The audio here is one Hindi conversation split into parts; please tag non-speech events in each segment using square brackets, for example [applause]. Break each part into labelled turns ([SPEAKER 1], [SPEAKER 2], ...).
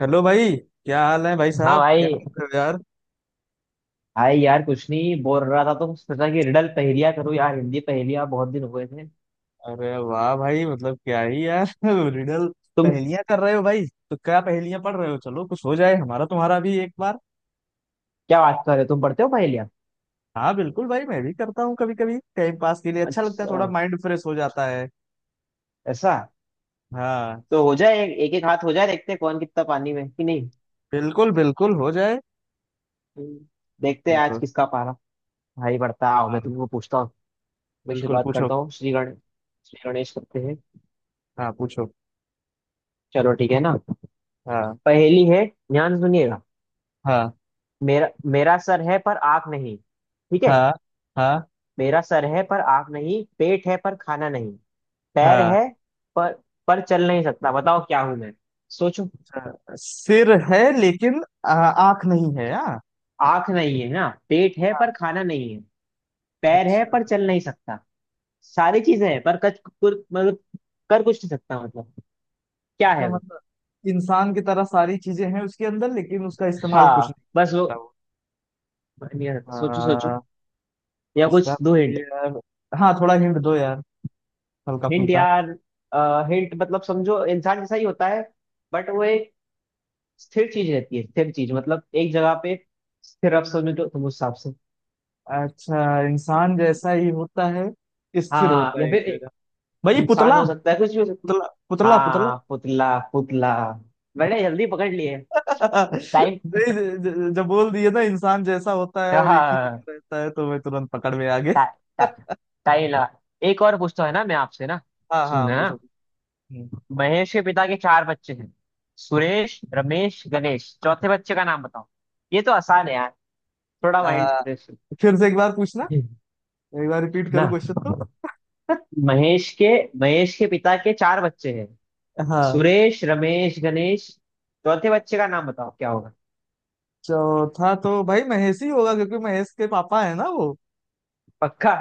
[SPEAKER 1] हेलो भाई। क्या हाल है भाई
[SPEAKER 2] हाँ
[SPEAKER 1] साहब, क्या
[SPEAKER 2] भाई।
[SPEAKER 1] कर रहे हो यार?
[SPEAKER 2] आए यार, कुछ नहीं, बोर हो रहा था तो सोचा कि रिडल पहेलियां करूँ यार। हिंदी पहेलियां बहुत दिन हुए थे।
[SPEAKER 1] अरे वाह भाई, मतलब क्या ही यार। [laughs] रिडल
[SPEAKER 2] तुम
[SPEAKER 1] पहेलियां कर रहे हो भाई? तो क्या पहेलियां पढ़ रहे हो? चलो कुछ हो जाए हमारा तुम्हारा भी एक बार।
[SPEAKER 2] क्या बात कर रहे हो, तुम पढ़ते हो पहेलियां?
[SPEAKER 1] हाँ बिल्कुल भाई, मैं भी करता हूँ कभी कभी टाइम पास के लिए। अच्छा लगता है,
[SPEAKER 2] अच्छा,
[SPEAKER 1] थोड़ा माइंड फ्रेश हो जाता है।
[SPEAKER 2] ऐसा?
[SPEAKER 1] हाँ,
[SPEAKER 2] तो हो जाए, एक एक हाथ हो जाए, देखते हैं कौन कितना पानी में है कि नहीं।
[SPEAKER 1] बिल्कुल बिल्कुल हो जाए।
[SPEAKER 2] हम्म, देखते हैं आज
[SPEAKER 1] बिल्कुल।
[SPEAKER 2] किसका पारा भाई बढ़ता है। आओ,
[SPEAKER 1] हाँ
[SPEAKER 2] मैं तुमको पूछता हूँ। मैं
[SPEAKER 1] बिल्कुल,
[SPEAKER 2] शुरुआत
[SPEAKER 1] पूछो।
[SPEAKER 2] करता हूँ, श्री गणेश, श्री गणेश करते हैं।
[SPEAKER 1] हाँ पूछो।
[SPEAKER 2] चलो ठीक है ना।
[SPEAKER 1] हाँ।
[SPEAKER 2] पहेली है, ध्यान सुनिएगा।
[SPEAKER 1] हाँ।
[SPEAKER 2] मेरा मेरा सर है पर आँख नहीं, ठीक है?
[SPEAKER 1] हाँ। हाँ।
[SPEAKER 2] मेरा सर है पर आँख नहीं, पेट है पर खाना नहीं, पैर
[SPEAKER 1] हाँ।
[SPEAKER 2] है पर पर चल नहीं सकता। बताओ क्या हूं मैं, सोचो।
[SPEAKER 1] अच्छा, सिर है लेकिन आँख नहीं है। हाँ।
[SPEAKER 2] आंख नहीं है ना, पेट है
[SPEAKER 1] हाँ।
[SPEAKER 2] पर खाना नहीं है, पैर है
[SPEAKER 1] अच्छा।
[SPEAKER 2] पर चल नहीं सकता। सारी चीजें हैं पर मतलब कर कुछ नहीं सकता, मतलब क्या
[SPEAKER 1] अच्छा
[SPEAKER 2] है वो।
[SPEAKER 1] मतलब इंसान की तरह सारी चीजें हैं उसके अंदर, लेकिन उसका इस्तेमाल कुछ
[SPEAKER 2] हाँ,
[SPEAKER 1] नहीं
[SPEAKER 2] बस
[SPEAKER 1] कर
[SPEAKER 2] वो
[SPEAKER 1] सकता वो।
[SPEAKER 2] नहीं आ सकता, सोचो सोचो।
[SPEAKER 1] हाँ।
[SPEAKER 2] या
[SPEAKER 1] इसका
[SPEAKER 2] कुछ दो
[SPEAKER 1] मतलब
[SPEAKER 2] हिंट।
[SPEAKER 1] यार। हाँ थोड़ा हिंट दो यार, हल्का
[SPEAKER 2] हिंट
[SPEAKER 1] फुल्का।
[SPEAKER 2] यार, हिंट मतलब समझो, इंसान जैसा ही होता है, बट वो एक स्थिर चीज रहती है। स्थिर चीज मतलब एक जगह पे स्थिर। अब समझो तो तुम उस हिसाब से।
[SPEAKER 1] अच्छा, इंसान जैसा ही होता है,
[SPEAKER 2] हाँ
[SPEAKER 1] स्थिर
[SPEAKER 2] हाँ,
[SPEAKER 1] होता है
[SPEAKER 2] या
[SPEAKER 1] एक
[SPEAKER 2] फिर
[SPEAKER 1] जगह। भाई
[SPEAKER 2] इंसान
[SPEAKER 1] पुतला,
[SPEAKER 2] हो सकता है, कुछ भी हो।
[SPEAKER 1] पुतला पुतला पुतला।
[SPEAKER 2] हाँ, पुतला पुतला। मैंने जल्दी पकड़ लिए।
[SPEAKER 1] [laughs]
[SPEAKER 2] टाइम।
[SPEAKER 1] नहीं, जब बोल दिए ना इंसान जैसा होता है और एक ही
[SPEAKER 2] हाँ।
[SPEAKER 1] जगह रहता है, तो मैं तुरंत पकड़ में आ गए।
[SPEAKER 2] टा, टा,
[SPEAKER 1] [laughs]
[SPEAKER 2] टाइम लगा। एक और पूछता है ना मैं आपसे ना,
[SPEAKER 1] हाँ हाँ
[SPEAKER 2] सुनना।
[SPEAKER 1] पूछो। हम्म।
[SPEAKER 2] महेश के पिता के चार बच्चे हैं, सुरेश रमेश गणेश, चौथे बच्चे का नाम बताओ। ये तो आसान है यार, थोड़ा माइंड
[SPEAKER 1] आ,
[SPEAKER 2] फ्रेश।
[SPEAKER 1] फिर से एक बार पूछना,
[SPEAKER 2] [laughs]
[SPEAKER 1] एक बार रिपीट करो
[SPEAKER 2] ना,
[SPEAKER 1] क्वेश्चन तो।
[SPEAKER 2] महेश के महेश के पिता के चार बच्चे हैं,
[SPEAKER 1] [laughs] हाँ।
[SPEAKER 2] सुरेश रमेश गणेश, चौथे बच्चे का नाम बताओ क्या होगा।
[SPEAKER 1] चौथा तो भाई महेश ही होगा क्योंकि महेश के पापा है ना वो।
[SPEAKER 2] पक्का?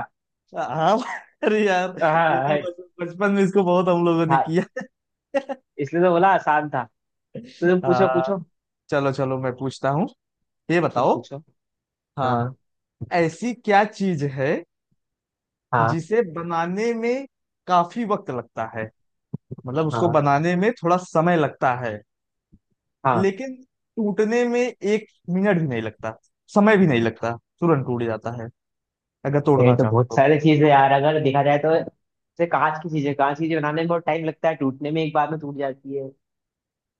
[SPEAKER 1] हाँ। [laughs] अरे यार,
[SPEAKER 2] हाँ
[SPEAKER 1] ये तो
[SPEAKER 2] हाँ।
[SPEAKER 1] बचपन में इसको बहुत हम लोगों ने
[SPEAKER 2] हाँ,
[SPEAKER 1] किया।
[SPEAKER 2] इसलिए तो बोला आसान था। तो तुम पूछो
[SPEAKER 1] हाँ।
[SPEAKER 2] पूछो।
[SPEAKER 1] चलो चलो मैं पूछता हूँ, ये
[SPEAKER 2] तुम
[SPEAKER 1] बताओ।
[SPEAKER 2] पूछो।
[SPEAKER 1] हाँ।
[SPEAKER 2] हाँ।
[SPEAKER 1] ऐसी क्या चीज है
[SPEAKER 2] हाँ।
[SPEAKER 1] जिसे बनाने में काफी वक्त लगता है, मतलब उसको
[SPEAKER 2] हाँ।
[SPEAKER 1] बनाने में थोड़ा समय लगता है,
[SPEAKER 2] हाँ।
[SPEAKER 1] लेकिन टूटने में एक मिनट भी नहीं लगता, समय भी नहीं लगता, तुरंत टूट जाता है अगर
[SPEAKER 2] ये
[SPEAKER 1] तोड़ना
[SPEAKER 2] तो
[SPEAKER 1] चाहो
[SPEAKER 2] बहुत
[SPEAKER 1] तो।
[SPEAKER 2] सारी चीजें यार, अगर देखा जाए तो जैसे कांच की चीजें, कांच की चीजें बनाने में बहुत टाइम लगता है, टूटने में एक बार में टूट जाती है।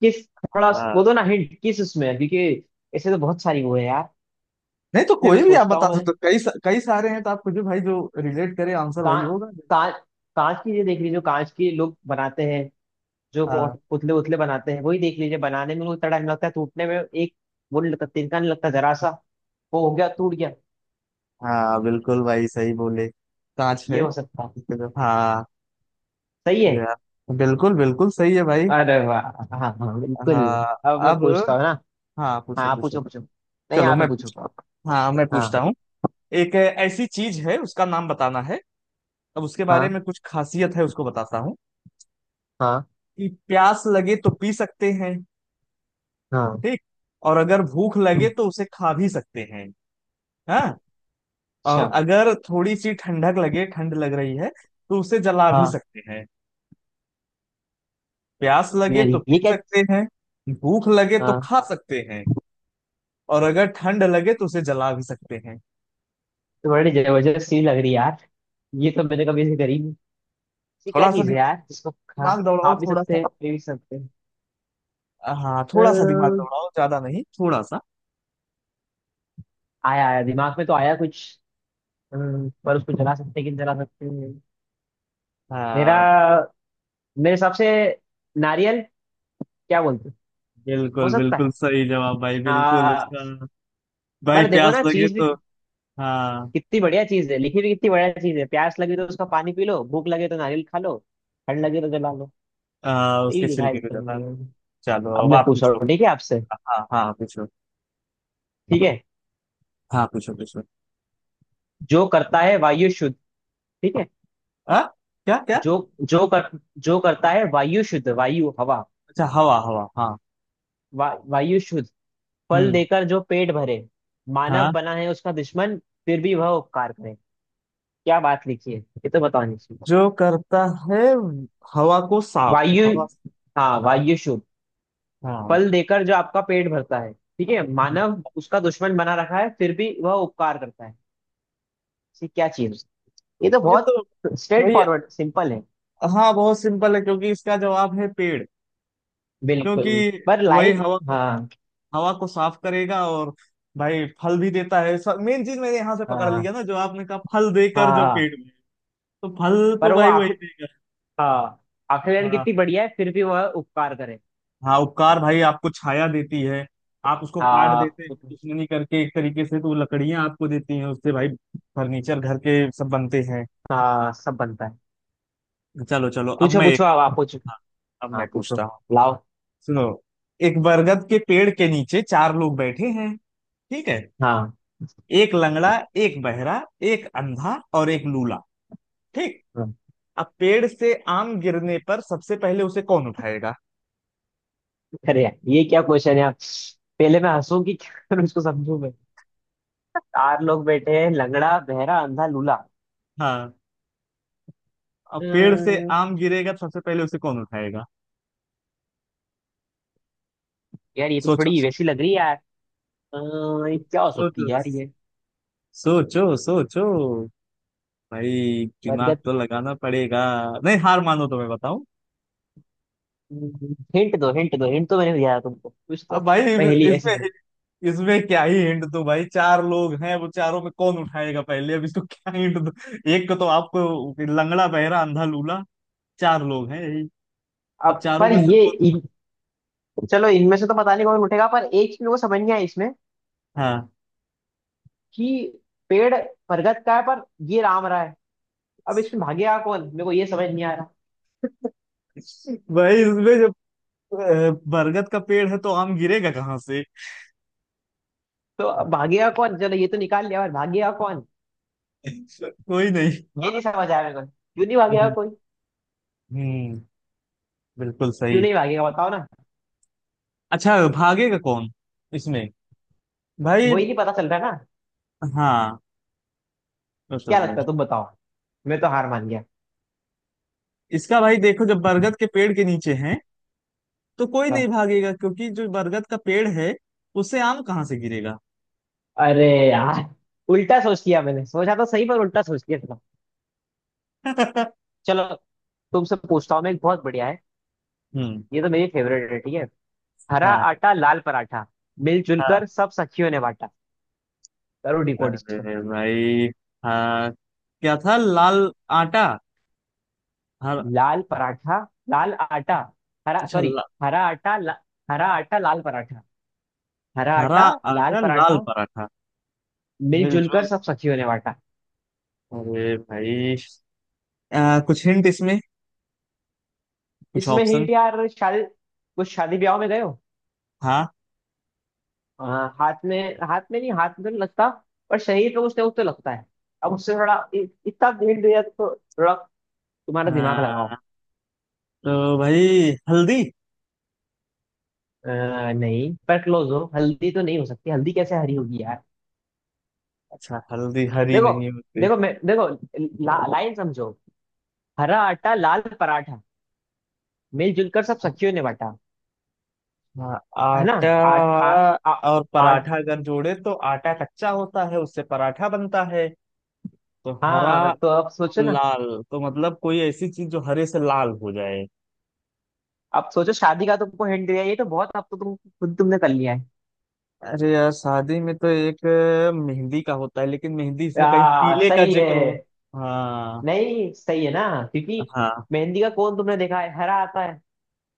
[SPEAKER 2] किस, थोड़ा
[SPEAKER 1] हाँ।
[SPEAKER 2] वो दो ना हिंट, किस उसमें है? क्योंकि ऐसे तो बहुत सारी वो है यार।
[SPEAKER 1] नहीं तो
[SPEAKER 2] फिर भी
[SPEAKER 1] कोई भी आप
[SPEAKER 2] सोचता
[SPEAKER 1] बता
[SPEAKER 2] हूँ
[SPEAKER 1] दो,
[SPEAKER 2] मैं।
[SPEAKER 1] तो कई सारे हैं, तो आपको जो भाई जो रिलेट करे आंसर वही
[SPEAKER 2] कांच
[SPEAKER 1] होगा।
[SPEAKER 2] कांच कांच की चीजें देख लीजिए, जो कांच के लोग बनाते हैं, जो
[SPEAKER 1] हाँ
[SPEAKER 2] पुतले उतले बनाते हैं वही देख लीजिए, बनाने में उतना टाइम लगता है, टूटने में एक वो नहीं लगता, तिनका नहीं लगता जरा सा, वो हो गया, टूट गया।
[SPEAKER 1] हाँ बिल्कुल भाई, सही बोले, कांच
[SPEAKER 2] ये
[SPEAKER 1] है।
[SPEAKER 2] हो सकता है।
[SPEAKER 1] हाँ,
[SPEAKER 2] सही
[SPEAKER 1] तो
[SPEAKER 2] है।
[SPEAKER 1] यार बिल्कुल बिल्कुल सही है भाई।
[SPEAKER 2] अरे वाह, हाँ हाँ बिल्कुल।
[SPEAKER 1] हाँ।
[SPEAKER 2] अब मैं
[SPEAKER 1] अब
[SPEAKER 2] पूछता हूँ ना।
[SPEAKER 1] हाँ
[SPEAKER 2] हाँ,
[SPEAKER 1] पूछो
[SPEAKER 2] आप
[SPEAKER 1] पूछो।
[SPEAKER 2] पूछो पूछो, नहीं
[SPEAKER 1] चलो
[SPEAKER 2] आप ही
[SPEAKER 1] मैं
[SPEAKER 2] पूछो।
[SPEAKER 1] पूछ हाँ मैं पूछता
[SPEAKER 2] हाँ।
[SPEAKER 1] हूँ। एक ऐसी चीज है, उसका नाम बताना है। अब उसके बारे
[SPEAKER 2] हाँ।
[SPEAKER 1] में कुछ खासियत है, उसको बताता हूँ
[SPEAKER 2] हाँ।
[SPEAKER 1] कि प्यास लगे तो पी सकते हैं,
[SPEAKER 2] हाँ।
[SPEAKER 1] ठीक, और अगर भूख लगे
[SPEAKER 2] हम्म,
[SPEAKER 1] तो उसे खा भी सकते हैं। हाँ। और
[SPEAKER 2] अच्छा।
[SPEAKER 1] अगर थोड़ी सी ठंडक लगे, ठंड लग रही है, तो उसे जला भी
[SPEAKER 2] हाँ।
[SPEAKER 1] सकते हैं। प्यास लगे
[SPEAKER 2] यार
[SPEAKER 1] तो पी
[SPEAKER 2] ये क्या।
[SPEAKER 1] सकते हैं, भूख लगे तो
[SPEAKER 2] हाँ,
[SPEAKER 1] खा सकते हैं, और अगर ठंड लगे तो उसे जला भी सकते हैं।
[SPEAKER 2] तो बड़ी जबरदस्त चीज लग रही है यार, ये तो मैंने कभी ऐसे करी नहीं। ये क्या
[SPEAKER 1] थोड़ा सा
[SPEAKER 2] चीज है
[SPEAKER 1] दिमाग,
[SPEAKER 2] यार जिसको खा,
[SPEAKER 1] दिमाग
[SPEAKER 2] खा
[SPEAKER 1] दौड़ाओ
[SPEAKER 2] भी
[SPEAKER 1] थोड़ा
[SPEAKER 2] सकते
[SPEAKER 1] सा।
[SPEAKER 2] हैं, पी भी सकते हैं।
[SPEAKER 1] हाँ थोड़ा सा दिमाग
[SPEAKER 2] अम्म,
[SPEAKER 1] दौड़ाओ, ज्यादा नहीं, थोड़ा सा।
[SPEAKER 2] आया आया, दिमाग में तो आया कुछ। पर उसको जला सकते हैं कि नहीं जला सकते हैं। मेरा
[SPEAKER 1] हाँ
[SPEAKER 2] मेरे हिसाब से नारियल, क्या बोलते हो
[SPEAKER 1] बिल्कुल
[SPEAKER 2] सकता
[SPEAKER 1] बिल्कुल
[SPEAKER 2] है।
[SPEAKER 1] सही जवाब भाई, बिल्कुल
[SPEAKER 2] आ,
[SPEAKER 1] उसका। भाई
[SPEAKER 2] पर देखो
[SPEAKER 1] प्यास
[SPEAKER 2] ना,
[SPEAKER 1] लगे
[SPEAKER 2] चीज भी
[SPEAKER 1] तो। हाँ।
[SPEAKER 2] कितनी बढ़िया चीज है, लिखी भी कितनी बढ़िया चीज है। प्यास लगे तो उसका पानी पी लो, भूख लगे तो नारियल खा लो, ठंड लगे तो जला लो। यही
[SPEAKER 1] उसके
[SPEAKER 2] लिखा है
[SPEAKER 1] छिलके को जला लो।
[SPEAKER 2] एकदम।
[SPEAKER 1] चलो
[SPEAKER 2] अब
[SPEAKER 1] अब
[SPEAKER 2] मैं
[SPEAKER 1] आप
[SPEAKER 2] पूछ रहा
[SPEAKER 1] पूछो।
[SPEAKER 2] हूँ ठीक है आपसे।
[SPEAKER 1] हाँ हाँ पूछो।
[SPEAKER 2] ठीक है,
[SPEAKER 1] हाँ पूछो पूछो।
[SPEAKER 2] जो करता है वायु शुद्ध, ठीक है।
[SPEAKER 1] हाँ। क्या क्या?
[SPEAKER 2] जो जो कर जो करता है वायु शुद्ध, वायु हवा,
[SPEAKER 1] अच्छा, हवा हवा, हाँ।
[SPEAKER 2] वा, वायु शुद्ध। फल
[SPEAKER 1] हम्म।
[SPEAKER 2] देकर जो पेट भरे, मानव
[SPEAKER 1] हाँ।
[SPEAKER 2] बना है उसका दुश्मन, फिर भी वह उपकार करे। क्या बात लिखी है, ये तो बतानी चाहिए।
[SPEAKER 1] जो करता है हवा को साफ,
[SPEAKER 2] वायु,
[SPEAKER 1] हवा।
[SPEAKER 2] हाँ वायु शुद्ध।
[SPEAKER 1] हाँ।
[SPEAKER 2] फल देकर जो आपका पेट भरता है, ठीक है,
[SPEAKER 1] हाँ,
[SPEAKER 2] मानव उसका दुश्मन बना रखा है, फिर भी वह उपकार करता है। ये क्या चीज, ये तो
[SPEAKER 1] ये
[SPEAKER 2] बहुत
[SPEAKER 1] तो
[SPEAKER 2] स्ट्रेट
[SPEAKER 1] भाई।
[SPEAKER 2] फॉरवर्ड सिंपल है।
[SPEAKER 1] हाँ, बहुत सिंपल है क्योंकि इसका जवाब है पेड़। क्योंकि
[SPEAKER 2] बिल्कुल। पर
[SPEAKER 1] वही
[SPEAKER 2] लाइन,
[SPEAKER 1] हवा को,
[SPEAKER 2] हाँ
[SPEAKER 1] हवा को साफ करेगा, और भाई फल भी देता है। सब मेन चीज मैंने यहाँ से पकड़
[SPEAKER 2] हाँ।
[SPEAKER 1] लिया ना, जो आपने कहा फल देकर जो
[SPEAKER 2] हाँ,
[SPEAKER 1] पेड़ में, तो फल
[SPEAKER 2] पर
[SPEAKER 1] तो
[SPEAKER 2] वो
[SPEAKER 1] भाई वही
[SPEAKER 2] आखिर,
[SPEAKER 1] देगा।
[SPEAKER 2] हाँ आखिर लाइन
[SPEAKER 1] हाँ।
[SPEAKER 2] कितनी बढ़िया है, फिर भी वह उपकार करे।
[SPEAKER 1] हाँ उपकार, भाई आपको छाया देती है, आप उसको काट
[SPEAKER 2] हाँ,
[SPEAKER 1] देते हैं दुश्मनी करके एक तरीके से, तो लकड़ियां आपको देती हैं, उससे भाई फर्नीचर घर के सब बनते हैं।
[SPEAKER 2] हाँ सब बनता है।
[SPEAKER 1] चलो चलो अब
[SPEAKER 2] पूछो
[SPEAKER 1] मैं एक।
[SPEAKER 2] पूछो, अब आप पूछो।
[SPEAKER 1] हाँ, अब
[SPEAKER 2] हाँ
[SPEAKER 1] मैं
[SPEAKER 2] पूछो,
[SPEAKER 1] पूछता हूँ।
[SPEAKER 2] लाओ।
[SPEAKER 1] सुनो, एक बरगद के पेड़ के नीचे चार लोग बैठे हैं, ठीक है,
[SPEAKER 2] हाँ।
[SPEAKER 1] एक लंगड़ा, एक बहरा, एक अंधा, और एक लूला, ठीक।
[SPEAKER 2] हाँ।
[SPEAKER 1] अब पेड़ से आम गिरने पर सबसे पहले उसे कौन उठाएगा?
[SPEAKER 2] अरे यार, ये क्या क्वेश्चन है आप। पहले मैं हंसूं कि क्या [laughs] करूं, उसको समझूं मैं। चार लोग बैठे हैं, लंगड़ा बहरा अंधा लूला।
[SPEAKER 1] हाँ, अब पेड़ से
[SPEAKER 2] अ,
[SPEAKER 1] आम गिरेगा तो सबसे पहले उसे कौन उठाएगा?
[SPEAKER 2] यार ये तो
[SPEAKER 1] सोचो
[SPEAKER 2] थोड़ी
[SPEAKER 1] सोचो।
[SPEAKER 2] वैसी लग रही है यार। अ, ये क्या
[SPEAKER 1] सोचो
[SPEAKER 2] हो सकती
[SPEAKER 1] सोचो।
[SPEAKER 2] है यार ये।
[SPEAKER 1] सोचो सोचो। भाई दिमाग
[SPEAKER 2] बरगद।
[SPEAKER 1] तो लगाना पड़ेगा। नहीं, हार मानो तो मैं बताऊं।
[SPEAKER 2] हिंट दो, हिंट दो, हिंट तो मैंने दिया था तुमको कुछ तो,
[SPEAKER 1] अब भाई
[SPEAKER 2] पहेली ऐसी
[SPEAKER 1] इसमें,
[SPEAKER 2] थी।
[SPEAKER 1] इसमें क्या ही हिंट दूं भाई? चार लोग हैं, वो चारों में कौन उठाएगा पहले, अब इसको क्या हिंट दूं? एक को तो आपको, लंगड़ा बहरा अंधा लूला, चार लोग हैं यही। अब
[SPEAKER 2] अब
[SPEAKER 1] चारों
[SPEAKER 2] पर
[SPEAKER 1] में से
[SPEAKER 2] ये
[SPEAKER 1] कौन?
[SPEAKER 2] चलो इनमें से तो पता नहीं कौन उठेगा, पर एक चीज को समझ नहीं आई इसमें,
[SPEAKER 1] हाँ
[SPEAKER 2] कि पेड़ बरगद का है पर ये राम रहा है, अब इसमें भागेगा कौन, मेरे को ये समझ नहीं आ रहा।
[SPEAKER 1] भाई, इसमें जब बरगद का पेड़ है तो आम गिरेगा कहाँ से?
[SPEAKER 2] तो अब भागेगा कौन, चलो ये तो निकाल लिया पर भागेगा कौन,
[SPEAKER 1] कोई नहीं।
[SPEAKER 2] ये नहीं समझ आया मेरे को, क्यों नहीं भागेगा
[SPEAKER 1] हम्म।
[SPEAKER 2] कोई,
[SPEAKER 1] हम्म, बिल्कुल
[SPEAKER 2] क्यों
[SPEAKER 1] सही।
[SPEAKER 2] नहीं भागेगा बताओ ना,
[SPEAKER 1] अच्छा, भागेगा कौन इसमें भाई?
[SPEAKER 2] वही नहीं पता चल रहा है ना।
[SPEAKER 1] हाँ, वो तो
[SPEAKER 2] क्या
[SPEAKER 1] है।
[SPEAKER 2] लगता है तुम बताओ, मैं तो हार मान गया।
[SPEAKER 1] इसका भाई देखो, जब बरगद के पेड़ के नीचे हैं, तो कोई नहीं
[SPEAKER 2] हाँ।
[SPEAKER 1] भागेगा, क्योंकि जो बरगद का पेड़ है उससे आम कहाँ से गिरेगा?
[SPEAKER 2] अरे यार, उल्टा सोच लिया, मैंने सोचा तो सही पर उल्टा सोच लिया था।
[SPEAKER 1] [laughs]
[SPEAKER 2] चलो, तुमसे पूछता हूँ मैं, एक बहुत बढ़िया है,
[SPEAKER 1] हम्म।
[SPEAKER 2] ये तो मेरी फेवरेट है, ठीक है। हरा
[SPEAKER 1] हाँ।
[SPEAKER 2] आटा लाल पराठा, मिलजुल
[SPEAKER 1] हाँ।
[SPEAKER 2] कर सब सखियों ने बांटा। करो डिपोट इसको।
[SPEAKER 1] अरे भाई, हाँ, क्या था लाल, आटा, हर।
[SPEAKER 2] लाल पराठा, लाल आटा, हरा,
[SPEAKER 1] अच्छा
[SPEAKER 2] सॉरी,
[SPEAKER 1] ला,
[SPEAKER 2] हरा आटा ला, हरा आटा लाल पराठा। हरा
[SPEAKER 1] हरा
[SPEAKER 2] आटा लाल
[SPEAKER 1] आटा लाल
[SPEAKER 2] पराठा,
[SPEAKER 1] पराठा,
[SPEAKER 2] मिलजुल कर
[SPEAKER 1] मिलजुल।
[SPEAKER 2] सब सखियों ने बांटा।
[SPEAKER 1] अरे भाई, कुछ हिंट इसमें, कुछ
[SPEAKER 2] इसमें
[SPEAKER 1] ऑप्शन।
[SPEAKER 2] हिंट यार, शादी, कुछ शादी ब्याह में गए हो।
[SPEAKER 1] हाँ।
[SPEAKER 2] हाँ, हाथ में, हाथ में नहीं, हाथ में तो नहीं लगता, पर शरीर पे कुछ ना कुछ तो लगता है। अब उससे थोड़ा इतना हिंट दिया तो थोड़ा तुम्हारा दिमाग लगाओ।
[SPEAKER 1] हाँ तो भाई हल्दी।
[SPEAKER 2] अ, नहीं, पर क्लोज हो, हल्दी तो नहीं हो सकती, हल्दी कैसे हरी होगी यार।
[SPEAKER 1] अच्छा, हल्दी हरी
[SPEAKER 2] देखो
[SPEAKER 1] नहीं होती?
[SPEAKER 2] देखो मैं, देखो, लाइन समझो, हरा आटा लाल पराठा, मिलजुल कर सब सखियों ने बांटा,
[SPEAKER 1] हाँ
[SPEAKER 2] है ना।
[SPEAKER 1] आटा,
[SPEAKER 2] आठ आ, आ,
[SPEAKER 1] और
[SPEAKER 2] आठ
[SPEAKER 1] पराठा अगर जोड़े, तो आटा कच्चा होता है, उससे पराठा बनता है, तो हरा
[SPEAKER 2] हाँ तो अब सोचो
[SPEAKER 1] और
[SPEAKER 2] ना।
[SPEAKER 1] लाल, तो मतलब कोई ऐसी चीज जो हरे से लाल हो जाए।
[SPEAKER 2] अब सोचो, शादी का तुमको हिंट दिया, ये तो बहुत, अब तो तुम खुद, तुमने कर लिया है।
[SPEAKER 1] अरे यार शादी में तो एक मेहंदी का होता है, लेकिन मेहंदी इसमें कहीं पीले का
[SPEAKER 2] सही
[SPEAKER 1] जिक्र हो।
[SPEAKER 2] है,
[SPEAKER 1] हाँ।
[SPEAKER 2] नहीं सही है ना, क्योंकि
[SPEAKER 1] हाँ।
[SPEAKER 2] मेहंदी का कोन तुमने देखा है हरा आता है,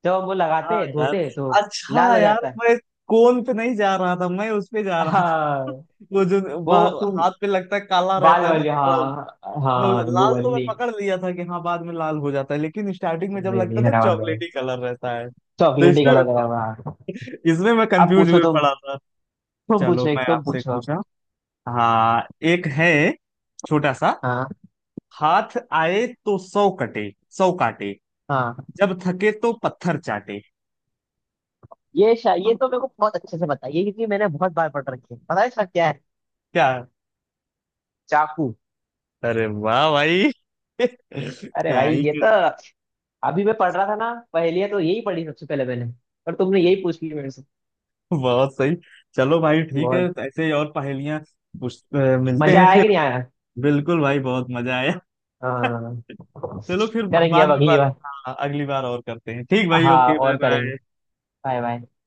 [SPEAKER 2] जब हम वो
[SPEAKER 1] हाँ
[SPEAKER 2] लगाते हैं,
[SPEAKER 1] यार,
[SPEAKER 2] धोते हैं तो लाल
[SPEAKER 1] अच्छा
[SPEAKER 2] हो
[SPEAKER 1] यार,
[SPEAKER 2] जाता है।
[SPEAKER 1] मैं कोन पे नहीं जा रहा था, मैं उस पे जा रहा था। [laughs]
[SPEAKER 2] हाँ,
[SPEAKER 1] वो जो
[SPEAKER 2] वो तुम,
[SPEAKER 1] हाथ पे लगता है काला
[SPEAKER 2] बाल
[SPEAKER 1] रहता है ना,
[SPEAKER 2] वाली,
[SPEAKER 1] वो
[SPEAKER 2] हाँ हाँ, वो
[SPEAKER 1] लाल
[SPEAKER 2] वाली
[SPEAKER 1] तो मैं
[SPEAKER 2] नहीं,
[SPEAKER 1] पकड़ लिया था कि हाँ बाद में लाल हो जाता है, लेकिन स्टार्टिंग में जब
[SPEAKER 2] नहीं
[SPEAKER 1] लगता
[SPEAKER 2] नहीं
[SPEAKER 1] है ना
[SPEAKER 2] हरा वाला
[SPEAKER 1] चॉकलेटी कलर रहता है, तो
[SPEAKER 2] चॉकलेटी
[SPEAKER 1] इसमें मैं
[SPEAKER 2] कलर लगा हुआ
[SPEAKER 1] थोड़ा।
[SPEAKER 2] है।
[SPEAKER 1] [laughs] इसमें मैं
[SPEAKER 2] आप
[SPEAKER 1] कंफ्यूज
[SPEAKER 2] पूछो
[SPEAKER 1] हुए
[SPEAKER 2] तुम
[SPEAKER 1] पड़ा था।
[SPEAKER 2] तुम
[SPEAKER 1] चलो
[SPEAKER 2] पूछो, एक
[SPEAKER 1] मैं
[SPEAKER 2] तुम
[SPEAKER 1] आपसे
[SPEAKER 2] पूछो।
[SPEAKER 1] पूछा। हाँ। एक है छोटा सा,
[SPEAKER 2] हाँ।
[SPEAKER 1] हाथ आए तो सौ कटे, सौ काटे,
[SPEAKER 2] हाँ।
[SPEAKER 1] जब थके तो पत्थर चाटे।
[SPEAKER 2] ये तो मेरे को बहुत अच्छे से पता है ये, क्योंकि मैंने बहुत बार पढ़ रखी है, पता है इसका क्या है।
[SPEAKER 1] क्या?
[SPEAKER 2] चाकू।
[SPEAKER 1] अरे वाह भाई! [laughs]
[SPEAKER 2] अरे
[SPEAKER 1] क्या
[SPEAKER 2] भाई
[SPEAKER 1] ही।
[SPEAKER 2] ये तो, अभी मैं पढ़ रहा था ना पहेलियां, तो यही पढ़ी सबसे पहले मैंने, पर तुमने यही पूछ ली मेरे से।
[SPEAKER 1] बहुत सही। चलो भाई ठीक है,
[SPEAKER 2] बहुत।
[SPEAKER 1] ऐसे ही और मिलते
[SPEAKER 2] मजा
[SPEAKER 1] हैं
[SPEAKER 2] आया कि
[SPEAKER 1] फिर।
[SPEAKER 2] नहीं आया।
[SPEAKER 1] बिल्कुल भाई, बहुत मजा आया। [laughs]
[SPEAKER 2] हाँ,
[SPEAKER 1] चलो फिर,
[SPEAKER 2] करेंगे
[SPEAKER 1] बाद
[SPEAKER 2] अब
[SPEAKER 1] में
[SPEAKER 2] अगली
[SPEAKER 1] बात।
[SPEAKER 2] बार।
[SPEAKER 1] हाँ अगली बार और करते हैं। ठीक भाई,
[SPEAKER 2] हाँ
[SPEAKER 1] ओके, बाय
[SPEAKER 2] और करेंगे।
[SPEAKER 1] बाय।
[SPEAKER 2] Bye bye.